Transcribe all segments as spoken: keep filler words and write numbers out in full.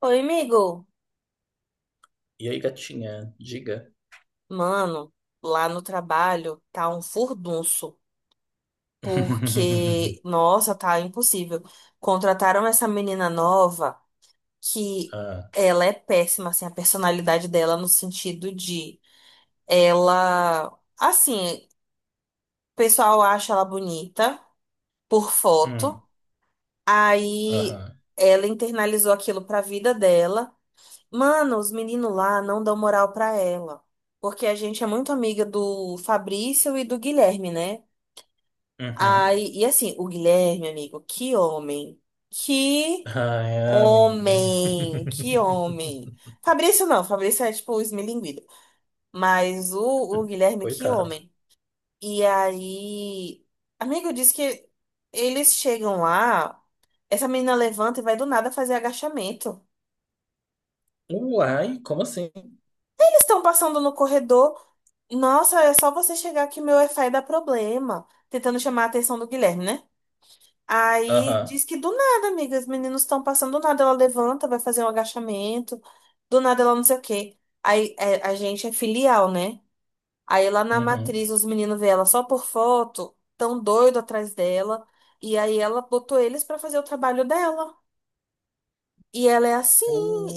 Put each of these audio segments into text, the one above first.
Oi, amigo. E aí, gatinha, diga. Mano, lá no trabalho tá um furdunço, porque, nossa, tá impossível. Contrataram essa menina nova que Ah, ela é péssima, assim, a personalidade dela no sentido de ela, assim, o pessoal acha ela bonita por foto, hum, aí aham, ela internalizou aquilo pra vida dela. Mano, os meninos lá não dão moral pra ela. Porque a gente é muito amiga do Fabrício e do Guilherme, né? uhum. Aí, e assim, o Guilherme, amigo, que homem. Que Ai, amiga. homem. Que homem. Fabrício não, Fabrício é tipo o esmilinguido. Mas o, o Guilherme, que Coitado. homem. E aí, amigo, diz que eles chegam lá, essa menina levanta e vai do nada fazer agachamento. Uai, como assim? Eles estão passando no corredor. Nossa, é só você chegar que meu Wi-Fi dá problema. Tentando chamar a atenção do Guilherme, né? Aí Aham, diz que do nada, amiga, os meninos estão passando, do nada ela levanta, vai fazer um agachamento, do nada ela não sei o quê. Aí é, a gente é filial, né? Aí lá na matriz uhum. os meninos vê ela só por foto, tão doido atrás dela, e aí ela botou eles pra fazer o trabalho dela. E ela é assim,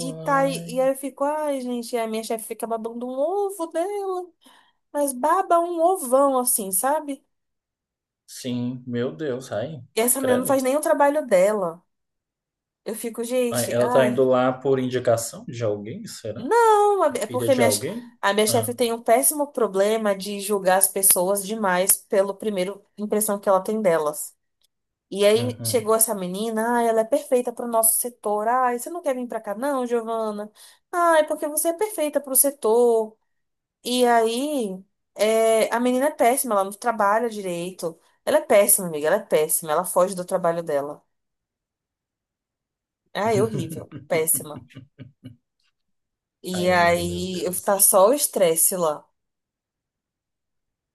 e tá, aí- e aí eu fico, ai, gente, a minha chefe fica babando um ovo dela. Mas baba um ovão, assim, sabe? Sim, meu Deus, ai, E essa menina não credo. faz nem o trabalho dela. Eu fico, Ai, gente, ela tá ai, indo lá por indicação de alguém, será? não, É é filha porque de minha, che- alguém? a minha chefe Ah, tem um péssimo problema de julgar as pessoas demais pelo primeiro impressão que ela tem delas. E aí uhum. chegou essa menina, ai, ela é perfeita para o nosso setor. Ai, você não quer vir para cá, não, Giovana? Ai, porque você é perfeita para o setor. E aí, é, a menina é péssima, ela não trabalha direito. Ela é péssima, amiga, ela é péssima, ela foge do trabalho dela. Ai, horrível. Péssima. E Ai, amiga, meu aí, eu Deus. tá só o estresse lá.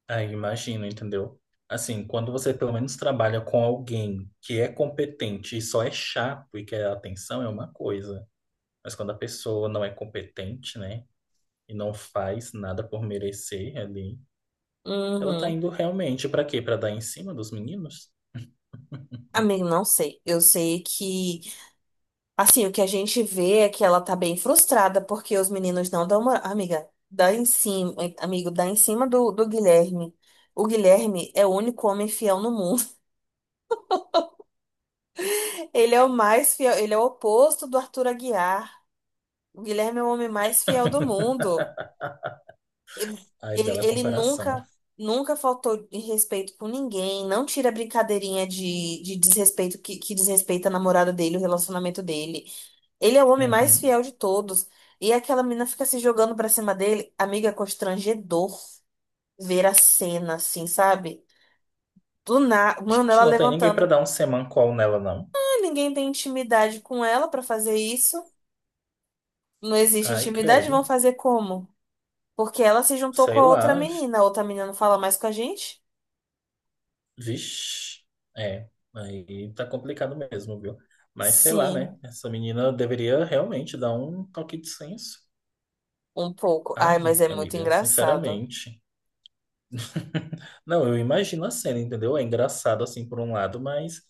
Ah, imagino, entendeu? Assim, quando você pelo menos trabalha com alguém que é competente e só é chato e quer atenção, é uma coisa. Mas quando a pessoa não é competente, né? E não faz nada por merecer ali, ela tá Uhum. indo realmente pra quê? Pra dar em cima dos meninos? Amigo, não sei. Eu sei que, assim, o que a gente vê é que ela tá bem frustrada porque os meninos não dão uma... Amiga, dá em cima, amigo, dá em cima do, do Guilherme. O Guilherme é o único homem fiel no mundo. Ele é o mais fiel, ele é o oposto do Arthur Aguiar. O Guilherme é o homem mais fiel do mundo. Ele, Ai, ele bela ele comparação. nunca, nunca faltou em respeito com ninguém, não tira brincadeirinha de, de desrespeito que, que desrespeita a namorada dele, o relacionamento dele. Ele é o homem mais Uhum. fiel de todos. E aquela menina fica se jogando pra cima dele. Amiga, é constrangedor ver a cena, assim, sabe? Do nada, mano, ela Gente, não tem ninguém pra levantando. dar um semancol nela, não. Ah, ninguém tem intimidade com ela pra fazer isso. Não existe Ai, intimidade, vão credo. fazer como? Porque ela se juntou com Sei a outra lá. menina. A outra menina não fala mais com a gente? Vixe, é, aí tá complicado mesmo, viu? Mas sei lá, Sim. né? Essa menina deveria realmente dar um toque de senso. Um pouco. Ai, mas Ai, é muito amiga, engraçado. sinceramente. Não, eu imagino a cena, entendeu? É engraçado assim por um lado, mas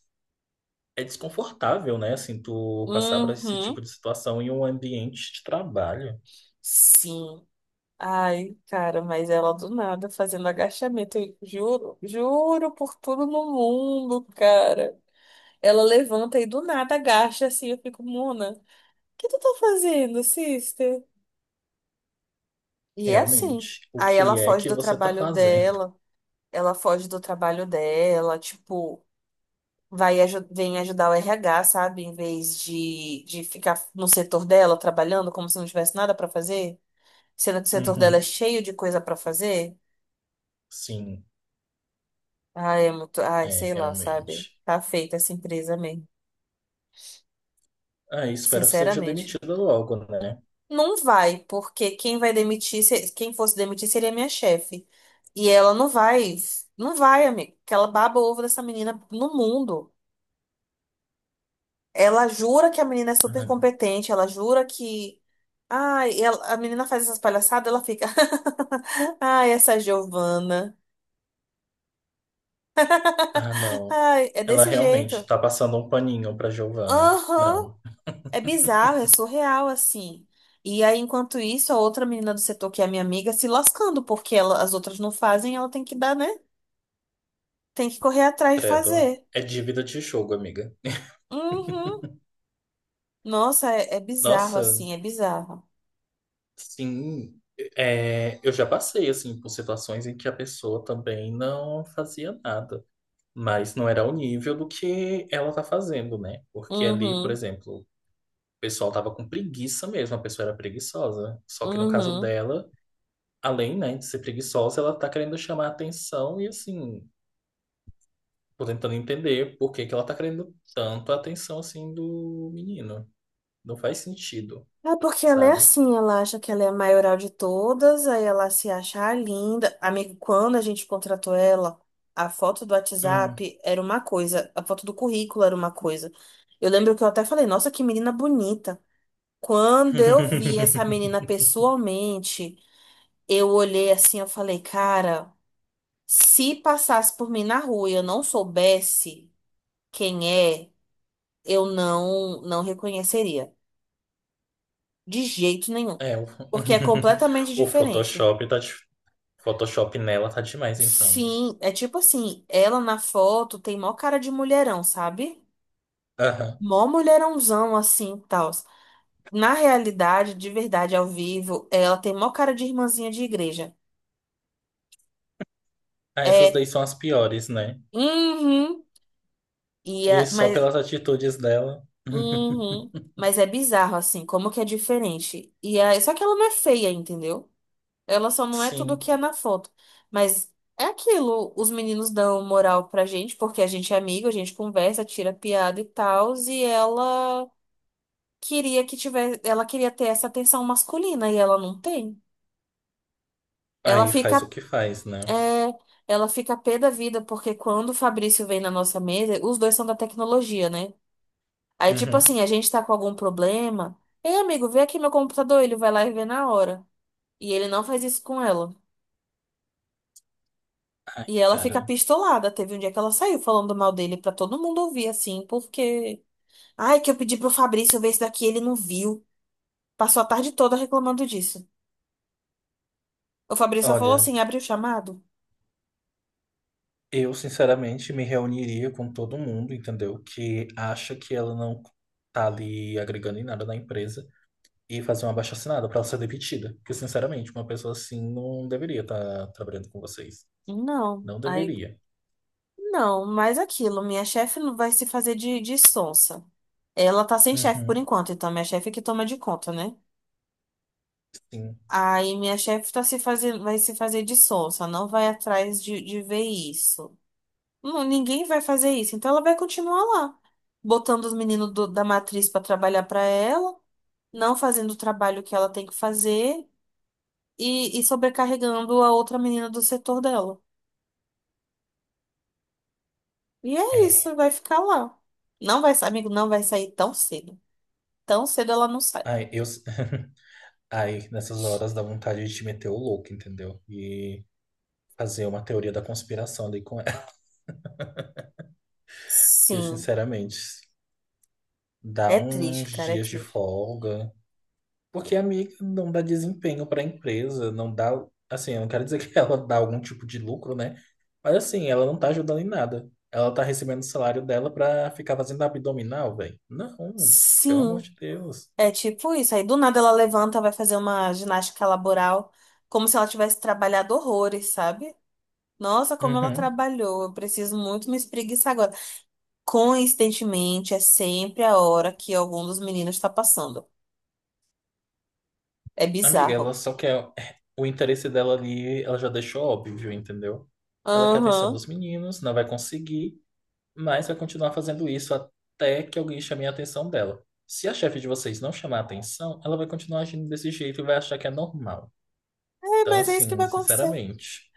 é desconfortável, né? Assim, tu passar por esse tipo Uhum. de situação em um ambiente de trabalho, Sim. Ai, cara, mas ela do nada fazendo agachamento. Eu juro, juro por tudo no mundo, cara. Ela levanta e do nada agacha assim. Eu fico, Mona, o que tu tá fazendo, sister? E é assim. realmente. O Aí ela que é foge que do você tá trabalho fazendo? dela. Ela foge do trabalho dela, tipo. Vai, aju- vem ajudar o R H, sabe? Em vez de, de ficar no setor dela trabalhando como se não tivesse nada pra fazer, sendo que o setor dela é Uhum, cheio de coisa pra fazer. sim, Ai, é muito, ai, é, sei lá, sabe? realmente. Tá feita essa empresa mesmo, Ah, espero que seja sinceramente. demitida logo, né? Não vai, porque quem vai demitir, se- quem fosse demitir seria minha chefe. E ela não vai, não vai, amigo, porque ela baba o ovo dessa menina no mundo. Ela jura que a menina é super Ah, competente, ela jura que ai, ela- a menina faz essas palhaçadas, ela fica. Ai, essa Giovana. ah, não. Ai, é Ela desse jeito. realmente tá passando um paninho pra Giovana. Aham. Não, É bizarro, é surreal, assim. E aí, enquanto isso, a outra menina do setor, que é a minha amiga, se lascando, porque ela- as outras não fazem, ela tem que dar, né? Tem que correr atrás de credo. fazer. É dívida de jogo, amiga. Uhum. Nossa, é, é bizarro, Nossa, assim, é bizarro. sim. É, eu já passei, assim, por situações em que a pessoa também não fazia nada. Mas não era o nível do que ela tá fazendo, né? Porque ali, por Uhum. exemplo, o pessoal tava com preguiça mesmo, a pessoa era preguiçosa. Só que no caso Uhum. dela, além, né, de ser preguiçosa, ela tá querendo chamar atenção e, assim, tô tentando entender por que que ela tá querendo tanto a atenção assim do menino. Não faz sentido, É porque ela é sabe? assim, ela acha que ela é a maioral de todas, aí ela se acha a linda. Amigo, quando a gente contratou ela, a foto do Hum. WhatsApp era uma coisa, a foto do currículo era uma coisa. Eu lembro que eu até falei, nossa, que menina bonita. Quando eu vi essa menina pessoalmente, eu olhei assim, eu falei, cara, se passasse por mim na rua e eu não soubesse quem é, eu não, não reconheceria. De jeito nenhum. É, o, Porque é completamente o diferente. Photoshop tá de... Photoshop nela tá demais então, né? Sim, é tipo assim, ela na foto tem mó cara de mulherão, sabe? Aham. Mó mulherãozão assim, tal. Na realidade, de verdade, ao vivo, ela tem mó cara de irmãzinha de igreja. Ah, essas daí É, são as piores, né? uhum, e E é, só mas, pelas atitudes dela. uhum, mas é bizarro assim, como que é diferente. E é, só que ela não é feia, entendeu? Ela só não é tudo o Sim. que é na foto. Mas é aquilo, os meninos dão moral pra gente, porque a gente é amigo, a gente conversa, tira piada e tal, e ela queria que tivesse, ela queria ter essa atenção masculina e ela não tem. Ela Aí faz o fica, que faz, né? é, ela fica pé da vida, porque quando o Fabrício vem na nossa mesa, os dois são da tecnologia, né? Aí, tipo Uhum. assim, a gente tá com algum problema. Ei, amigo, vê aqui meu computador, ele vai lá e vê na hora. E ele não faz isso com ela. Ai, E ela fica cara. pistolada. Teve um dia que ela saiu falando mal dele pra todo mundo ouvir, assim, porque. Ai, que eu pedi pro Fabrício ver isso daqui, ele não viu. Passou a tarde toda reclamando disso. O Fabrício só falou Olha. assim: abre o chamado? Eu, sinceramente, me reuniria com todo mundo, entendeu? Que acha que ela não tá ali agregando em nada na empresa e fazer uma abaixo-assinado pra ela ser demitida. Porque, sinceramente, uma pessoa assim não deveria estar trabalhando com vocês. Não. Não Aí, deveria. não, mas aquilo, minha chefe não vai se fazer de, de sonsa. Ela tá sem chefe por Uhum, enquanto, então minha chefe é que toma de conta, né? sim. Aí minha chefe tá se fazendo, vai se fazer de sonsa, não vai atrás de, de ver isso. Não, ninguém vai fazer isso. Então ela vai continuar lá, botando os meninos do- da matriz para trabalhar para ela, não fazendo o trabalho que ela tem que fazer e, e sobrecarregando a outra menina do setor dela. E é É. isso, vai ficar lá. Não vai, sa- amigo, não vai sair tão cedo. Tão cedo ela não sai. Ai, eu... Ai, nessas horas dá vontade de te meter o louco, entendeu? E fazer uma teoria da conspiração ali com ela. Porque, Sim, sinceramente, dá é triste, uns cara, é dias de triste. folga. Porque a amiga não dá desempenho para a empresa, não dá, assim, eu não quero dizer que ela dá algum tipo de lucro, né? Mas assim, ela não tá ajudando em nada. Ela tá recebendo o salário dela pra ficar fazendo abdominal, velho. Não, pelo amor Sim, de Deus. é tipo isso. Aí do nada ela levanta, vai fazer uma ginástica laboral, como se ela tivesse trabalhado horrores, sabe? Nossa, como ela Uhum. trabalhou. Eu preciso muito me espreguiçar agora. Coincidentemente, é sempre a hora que algum dos meninos está passando. É Amiga, ela bizarro. só quer o interesse dela ali, ela já deixou óbvio, entendeu? Ela quer a atenção Aham. dos meninos, não vai conseguir. Mas vai continuar fazendo isso até que alguém chame a atenção dela. Se a chefe de vocês não chamar a atenção, ela vai continuar agindo desse jeito e vai achar que é normal. É, Então, mas é isso que assim, vai acontecer. sinceramente.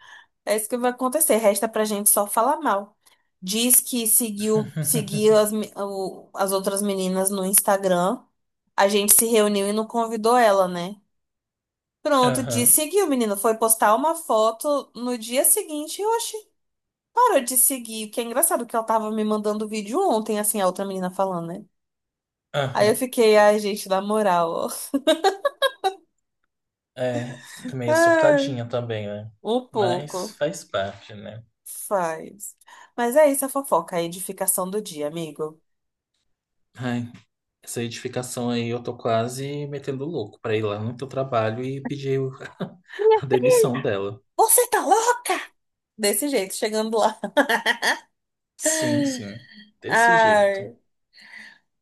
É isso que vai acontecer. Resta pra gente só falar mal. Diz que seguiu, seguiu as, me- o- as outras meninas no Instagram. A gente se reuniu e não convidou ela, né? Pronto, disse Aham, seguiu, menino. Foi postar uma foto no dia seguinte. Oxi. Parou de seguir, que é engraçado que ela tava me mandando vídeo ontem, assim, a outra menina falando, né? Aí eu aham. fiquei, ai, gente, na moral, ó. É, meio Ai, surtadinha também, né? um Mas pouco. faz parte, né? Faz. Mas é isso a fofoca, a edificação do dia, amigo. Ai, essa edificação aí eu tô quase metendo louco pra ir lá no teu trabalho e pedir o- a demissão dela. Você tá louca? Desse jeito, chegando lá. Sim, sim. Desse jeito. Ai,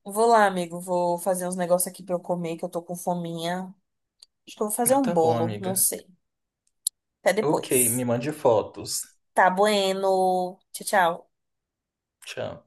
vou lá, amigo. Vou fazer uns negócios aqui pra eu comer, que eu tô com fominha. Acho que eu vou fazer um Tá bom, bolo, não amiga. sei. Até Ok, depois. me mande fotos. Tá bueno. Tchau, tchau. Tchau.